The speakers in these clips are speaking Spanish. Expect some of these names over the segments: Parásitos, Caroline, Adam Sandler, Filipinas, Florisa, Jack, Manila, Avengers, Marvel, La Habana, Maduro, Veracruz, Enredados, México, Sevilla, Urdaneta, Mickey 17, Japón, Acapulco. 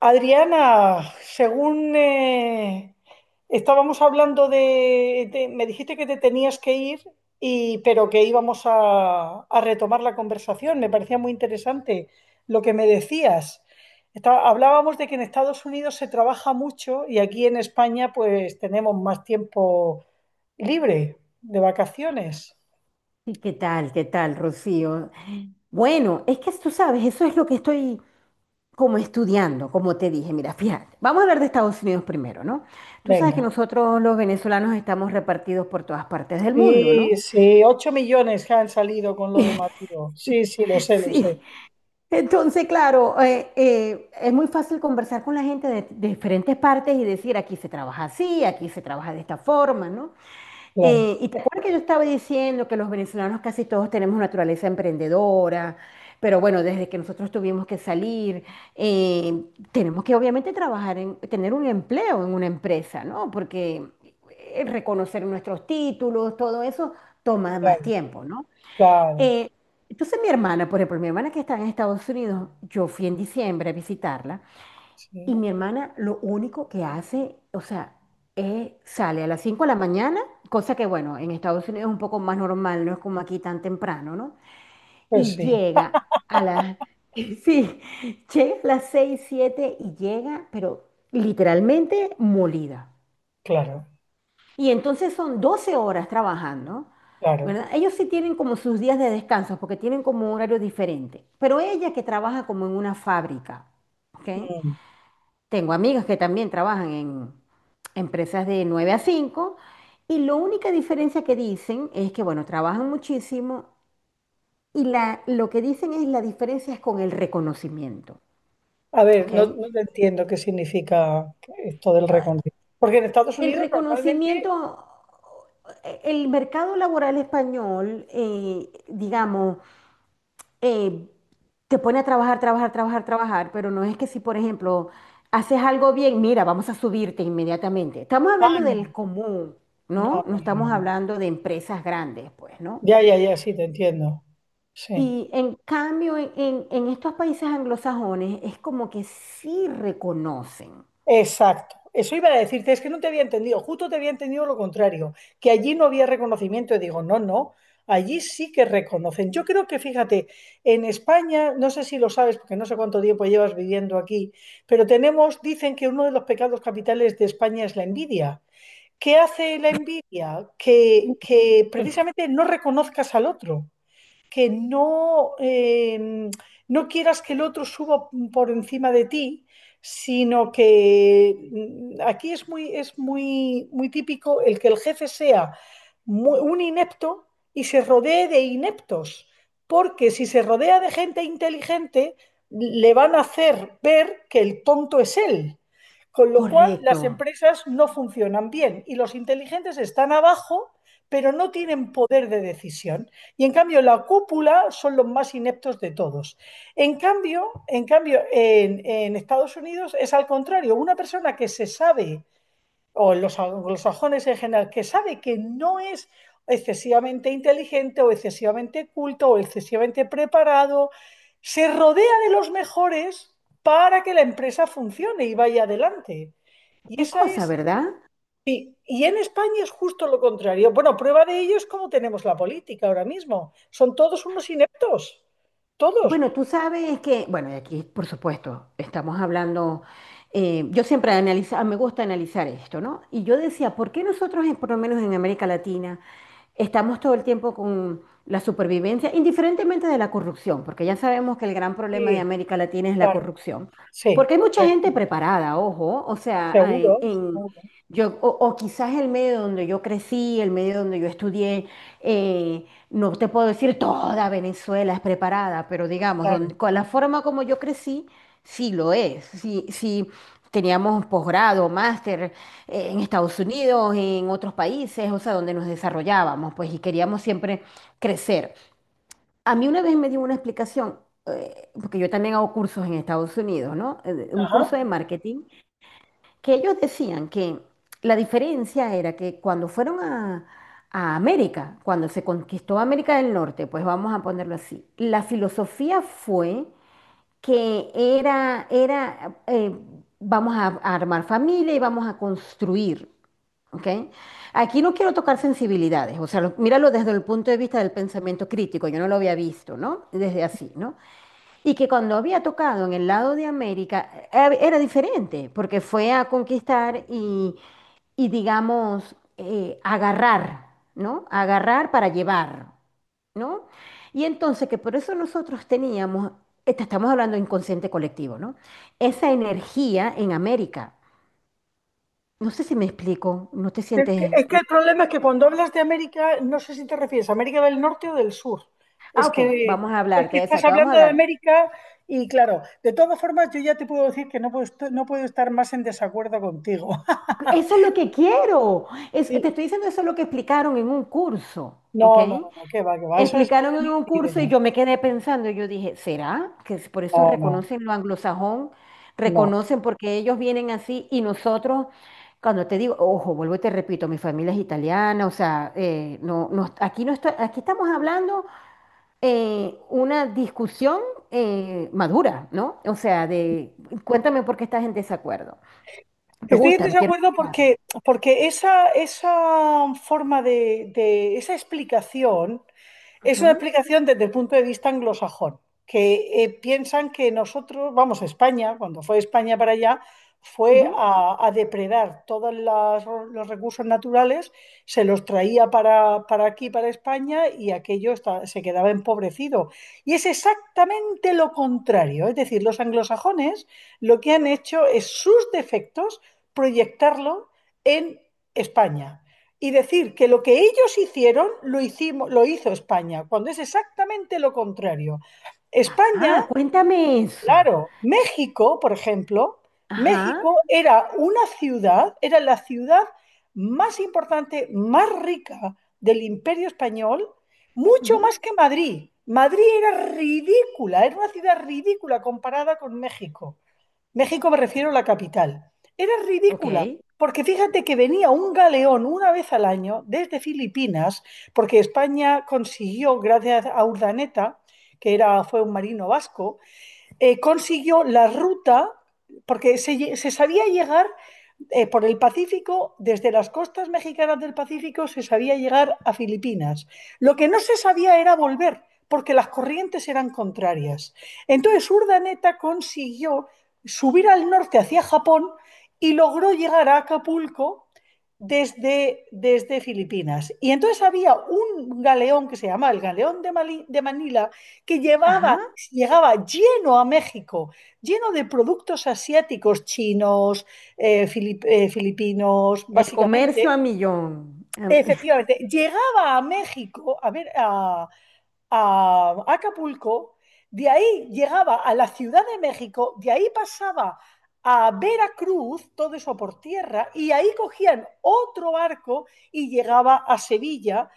Adriana, según estábamos hablando me dijiste que te tenías que ir y pero que íbamos a retomar la conversación. Me parecía muy interesante lo que me decías. Hablábamos de que en Estados Unidos se trabaja mucho y aquí en España pues tenemos más tiempo libre de vacaciones. Sí, ¿qué tal? ¿Qué tal, Rocío? Bueno, es que tú sabes, eso es lo que estoy como estudiando, como te dije. Mira, fíjate, vamos a hablar de Estados Unidos primero, ¿no? Tú sabes que Venga. nosotros los venezolanos estamos repartidos por todas partes del mundo, Sí, ¿no? sí, 8 millones que han salido con lo de Maduro. Sí, sí, lo sé, lo Sí. sé. Entonces, claro, es muy fácil conversar con la gente de diferentes partes y decir, aquí se trabaja así, aquí se trabaja de esta forma, ¿no? Claro, Y te acuerdas que yo estaba diciendo que los venezolanos casi todos tenemos naturaleza emprendedora, pero bueno, desde que nosotros tuvimos que salir, eh, tenemos que obviamente trabajar en tener un empleo en una empresa, ¿no? Porque reconocer nuestros títulos, todo eso toma más claro, tiempo, ¿no? claro. Eh, entonces mi hermana, por ejemplo, mi hermana que está en Estados Unidos, yo fui en diciembre a visitarla. Y Sí, mi hermana lo único que hace, o sea, es sale a las 5 de la mañana, cosa que bueno, en Estados Unidos es un poco más normal, no es como aquí tan temprano, ¿no? pues Y sí, llega a las, sí, llega a las 6 7 y llega, pero literalmente molida. claro, Y entonces son 12 horas trabajando, claro. ¿verdad? Ellos sí tienen como sus días de descanso porque tienen como un horario diferente, pero ella que trabaja como en una fábrica. ¿Ok? Mm. Tengo amigas que también trabajan en empresas de 9 a 5 y la única diferencia que dicen es que, bueno, trabajan muchísimo y lo que dicen es la diferencia es con el reconocimiento, A ver, ¿ok? no, no te entiendo qué significa esto del reconocimiento. Porque en Estados El Unidos normalmente... reconocimiento, el mercado laboral español, digamos, eh, te pone a trabajar, trabajar, trabajar, trabajar, pero no es que si, por ejemplo, haces algo bien, mira, vamos a subirte inmediatamente. Estamos Ah, hablando del no, común, no, ¿no? No no, estamos no. hablando de empresas grandes, pues, ¿no? Ya, ya, ya, sí, te entiendo. Sí. Y en cambio, en estos países anglosajones es como que sí reconocen. Exacto. Eso iba a decirte, es que no te había entendido, justo te había entendido lo contrario, que allí no había reconocimiento. Y digo, no, no, allí sí que reconocen. Yo creo que, fíjate, en España, no sé si lo sabes, porque no sé cuánto tiempo llevas viviendo aquí, pero tenemos, dicen que uno de los pecados capitales de España es la envidia. ¿Qué hace la envidia? Que precisamente no reconozcas al otro, que no, no quieras que el otro suba por encima de ti, sino que aquí es muy típico el que el jefe sea un inepto y se rodee de ineptos, porque si se rodea de gente inteligente, le van a hacer ver que el tonto es él. Con lo cual, Correcto. las empresas no funcionan bien y los inteligentes están abajo, pero no tienen poder de decisión. Y en cambio, la cúpula son los más ineptos de todos. En cambio, en Estados Unidos es al contrario, una persona que se sabe, o en los anglosajones en general, que sabe que no es excesivamente inteligente o excesivamente culto o excesivamente preparado, se rodea de los mejores para que la empresa funcione y vaya adelante. Y Qué esa cosa, es... ¿verdad? Sí, y en España es justo lo contrario. Bueno, prueba de ello es cómo tenemos la política ahora mismo. Son todos unos ineptos, todos. Bueno, tú sabes que, bueno, y aquí por supuesto estamos hablando, yo siempre analiza, me gusta analizar esto, ¿no? Y yo decía, ¿por qué nosotros, por lo menos en América Latina, estamos todo el tiempo con la supervivencia, indiferentemente de la corrupción, porque ya sabemos que el gran problema de Sí, América Latina es la claro, corrupción? sí, Porque hay mucha correcto. gente preparada, ojo, o sea, Seguro, seguro, yo, o quizás el medio donde yo crecí, el medio donde yo estudié, no te puedo decir toda Venezuela es preparada, pero digamos, claro. Con la forma como yo crecí, sí lo es. Sí, sí teníamos posgrado, máster, en Estados Unidos, en otros países, o sea, donde nos desarrollábamos, pues, y queríamos siempre crecer. A mí una vez me dio una explicación, porque yo también hago cursos en Estados Unidos, ¿no? Un curso Ajá. de marketing, que ellos decían que la diferencia era que cuando fueron a América, cuando se conquistó América del Norte, pues vamos a ponerlo así, la filosofía fue que era vamos a armar familia y vamos a construir. ¿Ok? Aquí no quiero tocar sensibilidades, o sea, míralo desde el punto de vista del pensamiento crítico, yo no lo había visto, ¿no? Desde así, ¿no? Y que cuando había tocado en el lado de América era diferente, porque fue a conquistar y, digamos, agarrar, ¿no? Agarrar para llevar, ¿no? Y entonces que por eso nosotros teníamos, estamos hablando de inconsciente colectivo, ¿no? Esa energía en América. No sé si me explico, ¿no te Es que, sientes? es que el problema es que cuando hablas de América, no sé si te refieres a América del Norte o del Sur. Ah, Es ok, que, vamos a es hablarte, que de estás esa, te vamos a hablando de hablar. América y claro, de todas formas yo ya te puedo decir que no puedo, no puedo estar más en desacuerdo contigo. Eso es lo que quiero. Sí. Te estoy diciendo eso es lo que explicaron en un curso, ¿ok? No, no, no, qué va, qué va. Eso es no Explicaron en tener un ni curso idea. y yo me quedé pensando, y yo dije, ¿será que es por eso No, no. reconocen lo anglosajón? No, Reconocen porque ellos vienen así y nosotros, cuando te digo, ojo, vuelvo y te repito, mi familia es italiana, o sea, aquí, no está, aquí estamos hablando una discusión madura, ¿no? O sea, de, cuéntame por qué estás en desacuerdo. Me estoy en gusta, me quiero desacuerdo escuchar. porque esa forma esa explicación es una Ujú, explicación desde el punto de vista anglosajón, que piensan que nosotros, vamos, España, cuando fue España para allá, fue ujú. a depredar todos los recursos naturales, se los traía para aquí, para España, y aquello se quedaba empobrecido. Y es exactamente lo contrario, es decir, los anglosajones lo que han hecho es sus defectos proyectarlo en España y decir que lo que ellos hicieron lo hizo España, cuando es exactamente lo contrario. Ah, España, ah, cuéntame eso. claro, México, por ejemplo, Ajá. México era una ciudad, era la ciudad más importante, más rica del imperio español, mucho Ujú. más que Madrid. Madrid era ridícula, era una ciudad ridícula comparada con México. México me refiero a la capital. Era ridícula, Ok. porque fíjate que venía un galeón una vez al año desde Filipinas, porque España consiguió, gracias a Urdaneta, que era, fue un marino vasco, consiguió la ruta, porque se sabía llegar por el Pacífico, desde las costas mexicanas del Pacífico se sabía llegar a Filipinas. Lo que no se sabía era volver, porque las corrientes eran contrarias. Entonces Urdaneta consiguió subir al norte hacia Japón y logró llegar a Acapulco desde Filipinas. Y entonces había un galeón que se llamaba el galeón de Manila que Ajá. llevaba, llegaba lleno a México, lleno de productos asiáticos, chinos, filipinos, El comercio básicamente. a millón. Efectivamente, llegaba a México, a ver, a Acapulco, de ahí llegaba a la Ciudad de México, de ahí pasaba a Veracruz, todo eso por tierra, y ahí cogían otro barco y llegaba a Sevilla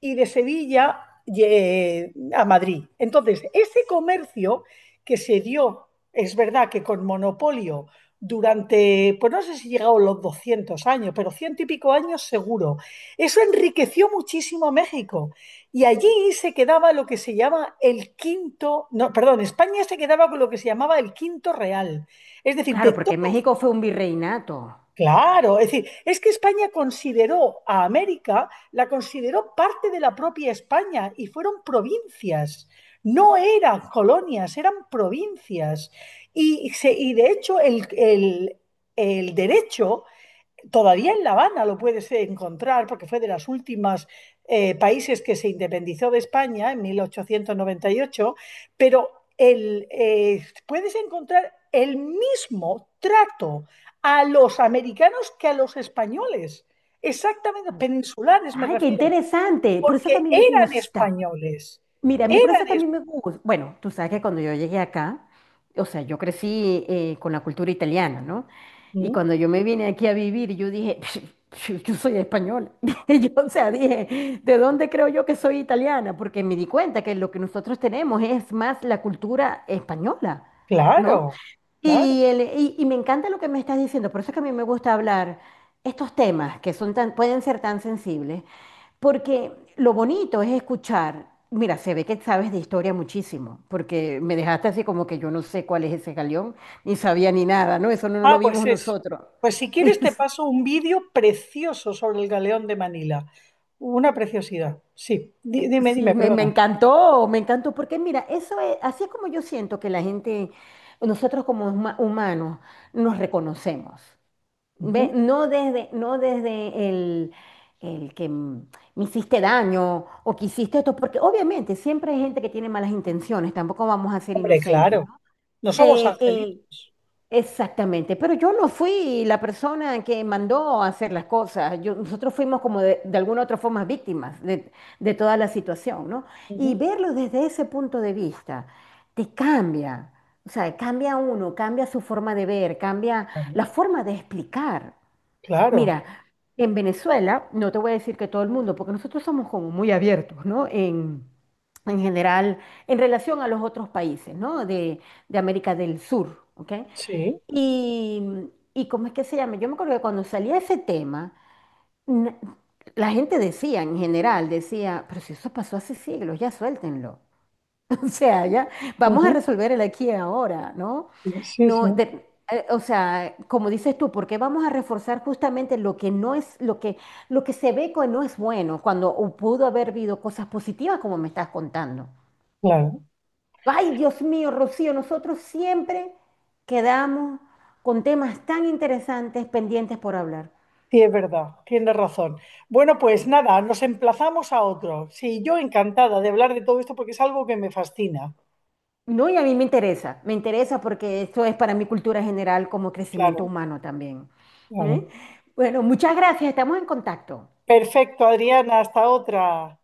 y de Sevilla a Madrid. Entonces, ese comercio que se dio, es verdad que con monopolio durante, pues no sé si llegaron los 200 años, pero 100 y pico años seguro, eso enriqueció muchísimo a México y allí se quedaba lo que se llama el quinto, no, perdón, España se quedaba con lo que se llamaba el quinto real. Es decir, de claro, porque todo, México fue un virreinato. claro, es decir, es que España consideró a América, la consideró parte de la propia España y fueron provincias. No eran colonias, eran provincias. Y de hecho el derecho todavía en La Habana lo puedes encontrar porque fue de los últimos países que se independizó de España en 1898, pero puedes encontrar el mismo trato a los americanos que a los españoles, exactamente peninsulares me Ay, qué refiero, interesante. Por eso es que a porque mí me eran gusta. españoles, Mira, a mí por eso eran, que a es- mí me gusta. Bueno, tú sabes que cuando yo llegué acá, o sea, yo crecí con la cultura italiana, ¿no? Y Mm, cuando yo me vine aquí a vivir, yo dije, yo soy española. Yo, o sea, dije, ¿de dónde creo yo que soy italiana? Porque me di cuenta que lo que nosotros tenemos es más la cultura española, ¿no? claro, claro. Y, y me encanta lo que me estás diciendo, por eso es que a mí me gusta hablar estos temas que son tan, pueden ser tan sensibles porque lo bonito es escuchar. Mira, se ve que sabes de historia muchísimo, porque me dejaste así como que yo no sé cuál es ese galeón, ni sabía ni nada, ¿no? Eso no, no Ah, lo pues vimos es... nosotros. Pues si quieres te paso un vídeo precioso sobre el galeón de Manila. Una preciosidad. Sí, dime, dime, Sí, perdona. Me encantó, porque mira, eso es, así es como yo siento que la gente, nosotros como humanos, nos reconocemos. Ve, Ujú. no desde, no desde el que mm, me hiciste daño o que hiciste esto, porque obviamente siempre hay gente que tiene malas intenciones, tampoco vamos a ser Hombre, inocentes, claro. ¿no? No somos Eh, eh, angelitos. exactamente, pero yo no fui la persona que mandó a hacer las cosas, nosotros fuimos como de, alguna otra forma víctimas de toda la situación, ¿no? Y Ujú. verlo desde ese punto de vista te cambia, o sea, cambia uno, cambia su forma de ver, cambia la Claro, forma de explicar. claro. Mira, en Venezuela, no te voy a decir que todo el mundo, porque nosotros somos como muy abiertos, ¿no? En general, en relación a los otros países, ¿no? De América del Sur, ¿ok? Sí. Y, y ¿cómo es que se llama? Yo me acuerdo que cuando salía ese tema, n- la gente decía, en general, decía, pero si eso pasó hace siglos, ya suéltenlo. O sea, ya vamos a Ujú. resolver el aquí y ahora, ¿no? Sí, sí, No, o sea, como dices tú, ¿por qué vamos a reforzar justamente lo que no es, lo que se ve que no es bueno, cuando pudo haber habido cosas positivas como me estás contando? claro. Ay, Dios mío, Rocío, nosotros siempre quedamos con temas tan interesantes pendientes por hablar. Sí, es verdad, tienes razón. Bueno, pues nada, nos emplazamos a otro. Sí, yo encantada de hablar de todo esto porque es algo que me fascina. No, y a mí me interesa porque esto es para mi cultura general como crecimiento Claro, humano también. claro. ¿Eh? Bueno, muchas gracias, estamos en contacto. Perfecto, Adriana, hasta otra.